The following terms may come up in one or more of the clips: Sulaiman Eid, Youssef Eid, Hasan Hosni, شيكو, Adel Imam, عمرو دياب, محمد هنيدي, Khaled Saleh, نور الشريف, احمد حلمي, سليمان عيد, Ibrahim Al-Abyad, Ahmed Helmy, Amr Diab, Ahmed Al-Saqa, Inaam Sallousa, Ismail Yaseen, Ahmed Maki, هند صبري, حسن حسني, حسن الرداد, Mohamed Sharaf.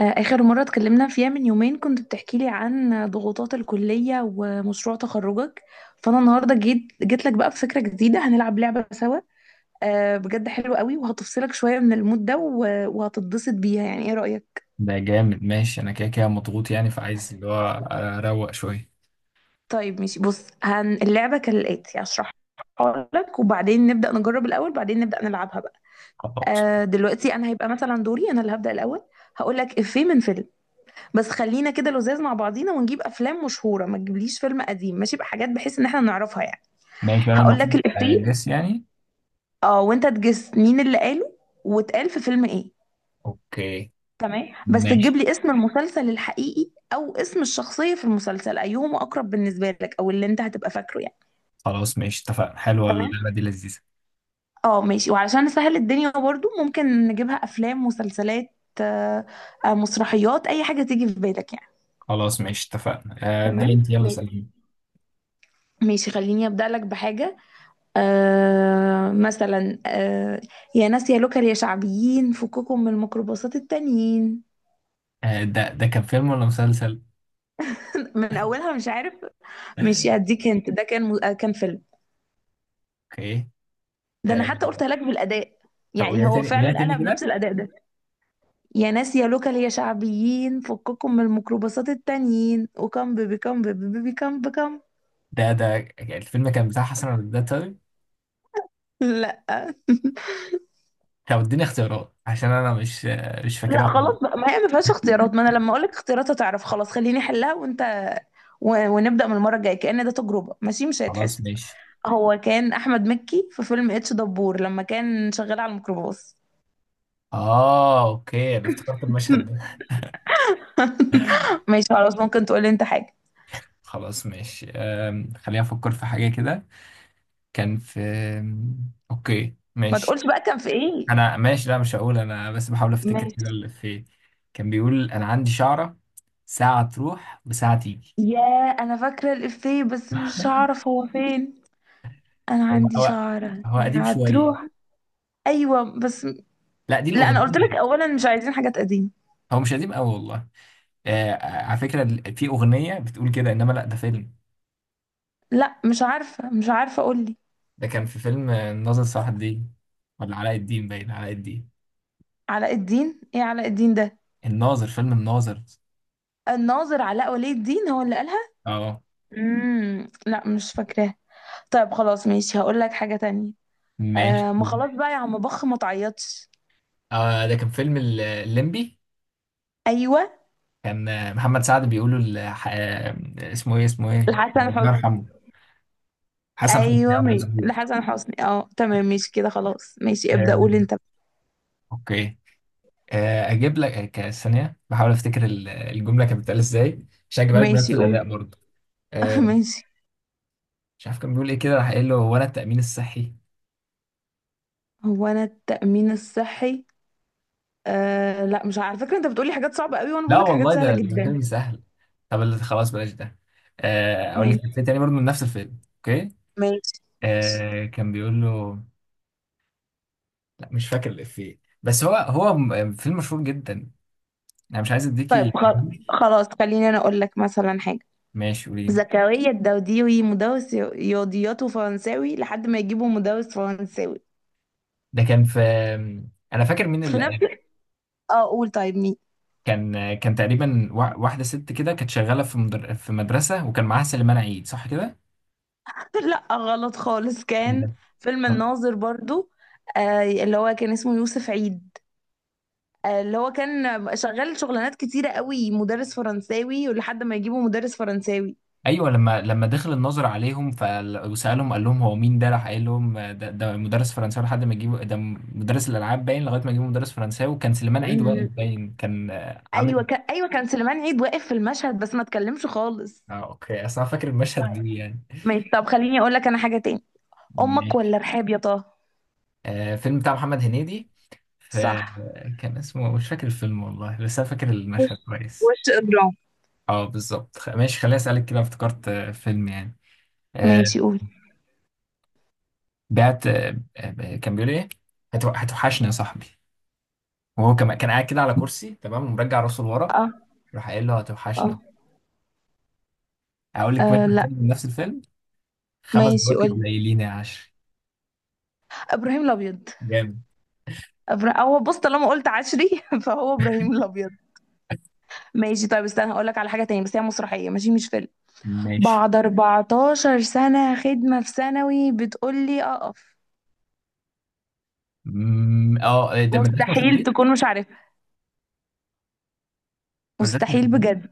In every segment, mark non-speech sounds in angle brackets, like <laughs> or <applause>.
آخر مرة اتكلمنا فيها من يومين كنت بتحكي لي عن ضغوطات الكلية ومشروع تخرجك. فأنا النهاردة جيت لك بقى بفكرة جديدة، هنلعب لعبة سوا. بجد حلوة قوي وهتفصلك شوية من المود ده وهتتبسط بيها، يعني ايه رأيك؟ ده جامد، ماشي. انا كده كده مضغوط يعني، فعايز اللي هو اروق شويه. طيب ماشي بص اللعبة كالآتي، هشرحها لك وبعدين نبدأ نجرب الأول بعدين نبدأ نلعبها بقى. خلاص دلوقتي أنا هيبقى مثلا دوري، أنا اللي هبدأ الأول. هقول لك إفيه من فيلم، بس خلينا كده لزاز مع بعضينا ونجيب افلام مشهوره، ما تجيبليش فيلم قديم ماشي، بحاجات بحيث ان احنا نعرفها يعني. ماشي، انا هقول لك المفروض الافيه، اجس يعني. اه وانت تجس مين اللي قاله واتقال في فيلم ايه. اوكي. تمام، بس تجيب ماشي. لي اسم المسلسل الحقيقي او اسم الشخصيه في المسلسل، ايهم اقرب بالنسبه لك او اللي انت هتبقى فاكره يعني. خلاص ماشي، اتفقنا. حلوه تمام. اللعبه دي، لذيذه. اه ماشي، وعلشان نسهل الدنيا برضو ممكن نجيبها افلام، مسلسلات، آه، مسرحيات، اي حاجه تيجي في بالك يعني. خلاص ماشي، اتفقنا. ابدا، تمام انت يلا ماشي. سألني. ماشي خليني ابدا لك بحاجه. مثلا، يا ناس يا لوكال يا شعبيين، فككم من الميكروباصات التانيين. ده كان فيلم ولا مسلسل؟ <laughs> من اولها مش عارف. مش هديك انت، ده كان كان فيلم. اوكي. ده انا آه، حتى قلت لك بالاداء، طب يعني قوليها هو تاني، قوليها فعلا تاني قالها بنفس كده. الاداء ده. يا ناس يا لوكال يا شعبيين، فككم من الميكروباصات التانيين، وكم بيبي كم بيبي بيبي كم بكم. ده الفيلم كان بتاع حسن الرداد، طيب. لا. <laughs> طب اديني اختيارات عشان انا مش لا فاكرها خلاص خالص. بقى، ما هي ما فيهاش اختيارات، ما انا لما اقول لك اختيارات هتعرف خلاص، خليني احلها وانت ونبدا من المره الجايه، كأن ده تجربه ماشي مش خلاص هيتحسب. ماشي. هو كان احمد مكي في فيلم اتش دبور لما كان شغال على الميكروباص. اه، اوكي، انا افتكرت المشهد <laughs> ده. ماشي خلاص، ممكن تقولي انت حاجه. خلاص ماشي، خليني افكر في حاجه كده. كان في، اوكي ما ماشي. تقولش بقى كان في ايه. انا ماشي، لا مش هقول انا، بس بحاول افتكر كده ماشي. اللي في. كان بيقول: انا عندي شعره، ساعه تروح وساعه تيجي. يا، انا فاكره الافيه بس مش <laughs> هعرف هو فين. انا هو عندي هو. شعره، هو قديم شويه. هتروح. ايوه بس. لا دي لا انا قلت لك الاغنيه. اولا مش عايزين حاجات قديمه. هو مش قديم قوي والله. على فكره، في اغنيه بتقول كده، انما لا، ده فيلم. لا مش عارفه، مش عارفه اقول لي. ده كان في فيلم الناظر. صلاح الدين ولا علاء الدين؟ باين علاء الدين. علاء الدين ايه علاء الدين ده؟ الناظر، فيلم الناظر. الناظر علاء ولي الدين هو اللي قالها. اه، لا مش فاكراه. طيب خلاص ماشي، هقول لك حاجه تانية. ماشي. آه ما خلاص بقى يا عم بخ، ما تعيطش. ده كان فيلم الليمبي. ايوه. كان محمد سعد بيقولوا، اسمه ايه، اسمه ايه، لحسن الله حسني. يرحمه. حسن حسني ايوه اه مظبوط. لحسن حسني، اه تمام ماشي كده، خلاص ماشي ابدأ آه، قول انت. اوكي. اجيب لك ثانيه، بحاول افتكر الجمله كانت بتتقال ازاي، عشان اجيبها لك بنفس ماشي قول. الاداء برضه. <laughs> آه، ماشي. مش عارف كان بيقول ايه كده، راح قايل له: هو انا التامين الصحي؟ هو انا التأمين الصحي. آه لا مش عارفة. على فكرة انت بتقولي حاجات صعبة قوي وانا لا بقولك حاجات والله، سهلة ده جدا. فيلم سهل. طب خلاص بلاش ده. اقول لك فيلم ماشي. تاني برضه من نفس الفيلم، اوكي. ماشي ماشي. كان بيقول له، لا مش فاكر الإفيه، بس هو فيلم مشهور جدا. انا مش عايز طيب اديكي. خلاص خليني انا اقول لك مثلا حاجة. ماشي قولي. زكريا الدوديوي مدرس رياضيات وفرنساوي لحد ما يجيبوا مدرس فرنساوي. ده كان في، انا فاكر مين في اللي... نفس، اه قول طيب مين. كان تقريبا واحده ست كده، كانت شغاله في في مدرسه، وكان معاها سليمان عيد صح كده <laughs> لا غلط خالص، كان كده. فيلم الناظر برضو. آه اللي هو كان اسمه يوسف عيد، آه اللي هو كان شغال شغلانات كتيرة قوي، مدرس فرنساوي ولحد ما يجيبوا مدرس فرنساوي. ايوه، لما دخل الناظر عليهم ف... وسالهم، قال لهم: هو مين ده؟ راح قايل لهم: ده مدرس فرنساوي لحد ما جيبوا ده، مدرس الالعاب باين، لغايه ما جيبوا مدرس فرنساوي. وكان سليمان عيد واقف، ال- باين كان عامل... ايوه كان، ايوه كان سليمان عيد واقف في المشهد بس ما اتكلمش خالص. اه اوكي، اصل انا فاكر المشهد طيب دي يعني. ماشي، طب خليني اقول لك انا حاجة تاني. امك ماشي. ولا رحاب يا طه. فيلم بتاع محمد هنيدي ف- صح. كان اسمه، مش فاكر الفيلم والله، بس انا فاكر وش، المشهد كويس. وش إجرام. اه بالظبط، ماشي خليني اسالك كده، افتكرت فيلم يعني. آه، ماشي قول. بعت، كان بيقول ايه، هتوحشني يا صاحبي. وهو كان قاعد كده على كرسي تمام، ومرجع راسه لورا. اه. راح قايل له: هتوحشنا. اه. اقول لك آه، مشهد لا تاني من نفس الفيلم، خمس ماشي دقايق قول. قليلين يا عشري. ابراهيم الابيض. جامد. هو بص طالما قلت عشري <laughs> فهو ابراهيم الابيض. ماشي طيب استنى، هقول لك على حاجه تانية بس هي مسرحيه ماشي، مش فيلم. ماشي. بعد 14 سنه خدمه في ثانوي بتقول لي اقف. اه، ده مدرسه مستحيل مشاغبين. تكون مش عارفها، مدرسه مستحيل مشاغبين. بجد.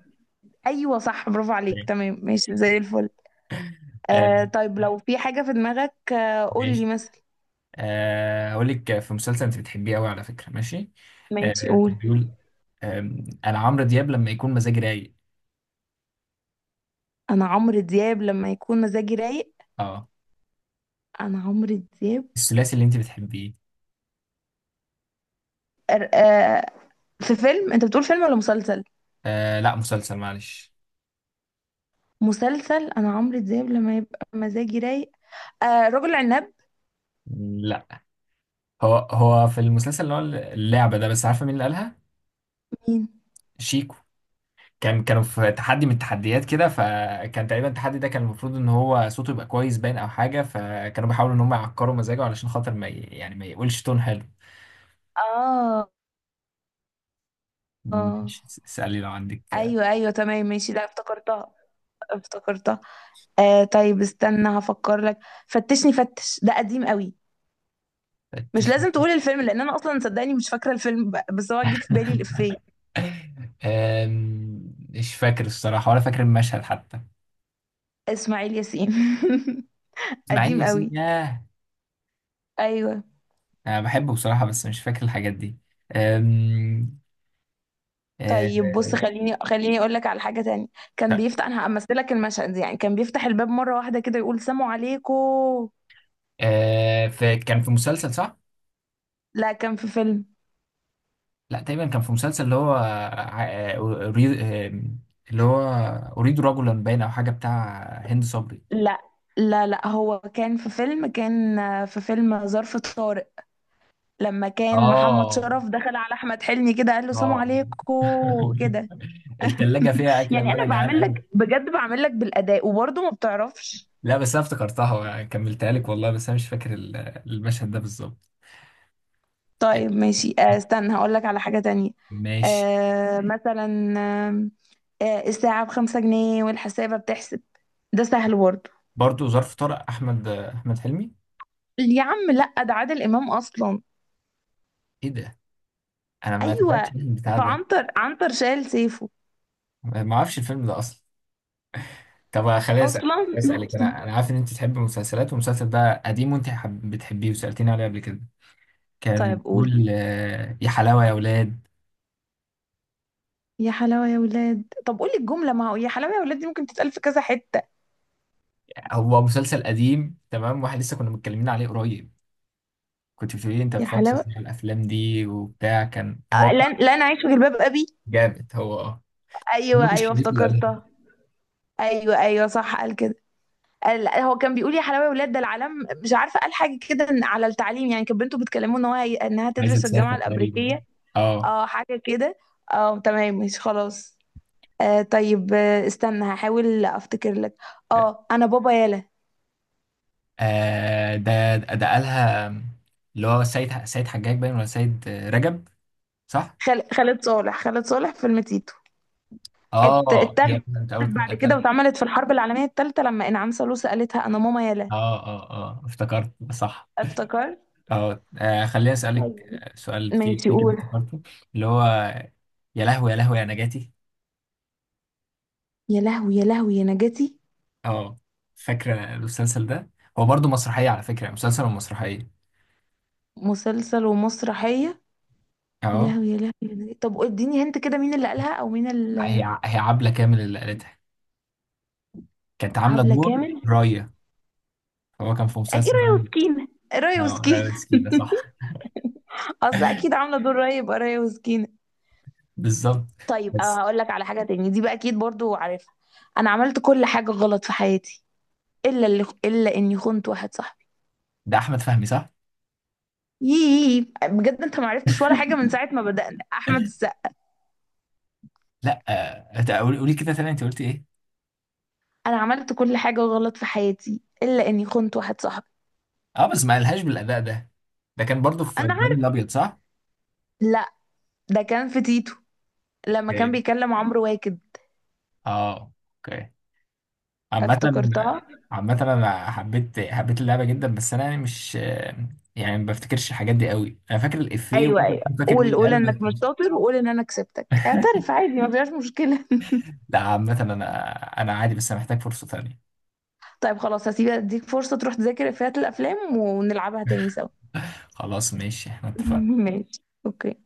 ايوه صح، برافو عليك، تمام ماشي زي الفل. آه، آه طيب لو في حاجه في دماغك آه قول لي ماشي. مثلا. اقول لك في مسلسل انت بتحبيه قوي على فكره، ماشي؟ ماشي قول. بيقول انا عمرو دياب لما يكون مزاجي رايق. انا عمرو دياب لما يكون مزاجي رايق. اه، انا عمرو دياب. الثلاثي اللي انت بتحبيه. آه في فيلم، انت بتقول فيلم ولا مسلسل؟ لا مسلسل، معلش. مسلسل. انا عمرو دياب لما يبقى مزاجي رايق. آه رجل عناب. لا، هو في المسلسل اللي هو اللعبه ده، بس عارفه مين اللي قالها؟ مين؟ شيكو. كانوا في تحدي من التحديات كده، فكان تقريبا التحدي ده كان المفروض ان هو صوته يبقى كويس باين او حاجه، فكانوا بيحاولوا ان هم يعكروا مزاجه علشان خاطر ما ي... يعني ما يقولش تون حلو. اه. اه. ماشي، اسالي لو عندك. ايوه ايوه تمام ماشي، لا افتكرتها، افتكرتها. استنى هفكر لك. فتشني فتش، ده قديم قوي. آه، مش لازم تشن- تقول الفيلم لان انا اصلا صدقني مش فاكره الفيلم بس هو جه في بالي الافيه. <laughs> مش فاكر الصراحة ولا فاكر المشهد حتى. اسماعيل ياسين. <laughs> إسماعيل قديم ياسين؟ قوي. ياه. ايوه. أنا بحبه بصراحة، بس مش فاكر الحاجات دي. آم، طيب آه، بص، خليني اقول لك على حاجه تانية. كان بيفتح، انا همثلك المشهد دي يعني، كان بيفتح الباب مره واحده كده يقول سلام عليكم. آه، كان في مسلسل صح؟ لا كان في فيلم. لا تقريبا كان في مسلسل اللي هو أريد آم، اللي هو أريد رجلا، باين أو حاجة بتاع هند صبري. لا لا، لا هو كان في فيلم كان في فيلم ظرف طارق، لما كان محمد آه شرف دخل على احمد حلمي كده قال له سلام آه عليكم <laughs> كده. التلاجة فيها أكلة يعني اللي انا أنا جعان بعمل أوي. لك بجد، بعمل لك بالاداء وبرضه ما بتعرفش. لا بس أنا افتكرتها، كملتها لك والله، بس أنا مش فاكر المشهد ده بالظبط. طيب ماشي، استنى هقول لك على حاجة تانية. ماشي. مثلا، الساعة بخمسة جنيه والحسابة بتحسب. ده سهل برضه. برضه ظرف طارق، احمد حلمي. يا عم لا، ده عادل امام اصلا. ايه ده؟ انا ما تابعتش ايوه. البتاع ده. فعنتر عنتر شال سيفه. ما اعرفش الفيلم ده اصلا. طب اصلا. <laughs> خليني اسالك، انا عارف ان انت تحب المسلسلات والمسلسل ده قديم، وانت بتحبيه وسالتيني عليه قبل كده. كان طيب قول. بيقول يا حلاوه يا اولاد. يا حلاوة يا ولاد. طب قولي الجملة، ما هو يا حلاوة يا ولاد دي ممكن تتقال في كذا حتة. هو مسلسل قديم تمام، واحد لسه كنا متكلمين عليه قريب. كنت بتقولي لي انت يا بتفكر حلاوة. في الافلام دي وبتاع، كان هو بتاع... لن أعيش في جلباب أبي. جامد، هو اه. أيوه نور أيوه الشريف اللي قالها. افتكرتها. أيوه أيوه صح قال كده. قال، لا هو كان بيقول يا حلاوة يا ولاد ده العالم. مش عارفة، قال حاجة كده على التعليم يعني، كانت بنته بتكلمه إن هو إنها عايزه تدرس في الجامعة تسافر تقريبا. الأمريكية. اه. اه حاجة كده. اه تمام مش خلاص. آه طيب، استنى هحاول أفتكر لك. اه أنا بابا يالا. ده قالها، اللي هو سيد حجاج باين، ولا سيد رجب، صح؟ خالد صالح، خالد صالح فيلم تيتو. اه، هي اتاخدت كانت اول اتقال، بعد كده واتعملت في الحرب العالمية الثالثة لما انعام سالوسة قالتها انا ماما يلا. اه، اه، اه، افتكرت صح. افتكرت. اه، خليني اسالك طيب. سؤال، في ماشي في كده قول. افتكرته. اللي هو، يا لهوي يا لهوي يا نجاتي. يا لهوي يا لهوي يا نجاتي. اه، فاكره المسلسل ده؟ هو برضو مسرحيه، على فكره مسلسل ومسرحيه. مسلسل ومسرحية. يا اه، لهوي يا لهوي يا نجاتي، طب اديني هنت كده مين اللي قالها او مين اللي. هي عبله كامل اللي قالتها. كانت عامله حبلة دور كامل. رايه. هو كان في اكيد مسلسل رايه رايه. وسكينة. رايه اه، وسكينة. رايه <laughs> مسكينه، صح. اصل اكيد عاملة دور رايه يبقى رايه وسكينة. <laughs> بالظبط. طيب بس، هقول لك على حاجة تاني دي بقى اكيد برضو عارفها. انا عملت كل حاجة غلط في حياتي، الا اللي، الا اني خنت واحد صاحبي. ده احمد فهمي صح؟ يي بجد انت ما عرفتش ولا حاجه من ساعه ما بدأنا؟ احمد السقا. لا. ده قولي، قولي كده تاني، انت قلت ايه؟ انا عملت كل حاجه غلط في حياتي الا اني خنت واحد صاحبي. اه بس ما قالهاش بالاداء ده. ده كان برضو في انا ابراهيم عارف. الابيض، صح؟ لا، ده كان في تيتو لما كان اوكي. بيكلم عمرو واكد. اه، اوكي. عامة. افتكرتها. عامة انا حبيت اللعبة جدا، بس انا يعني مش يعني ما بفتكرش الحاجات دي قوي، انا فاكر الافيه ايوه وممكن ايوه، أكون فاكر مين قول اللي قول قاله، بس انك مش شاطر وقول ان انا كسبتك، اعترف <laughs> عادي ما فيهاش مشكله. <laughs> لا، عامة انا عادي، بس انا محتاج فرصة تانية. طيب خلاص هسيبك اديك فرصه تروح تذاكر افيهات الافلام ونلعبها تاني سوا. خلاص ماشي، احنا <laughs> اتفقنا. ماشي. اوكي.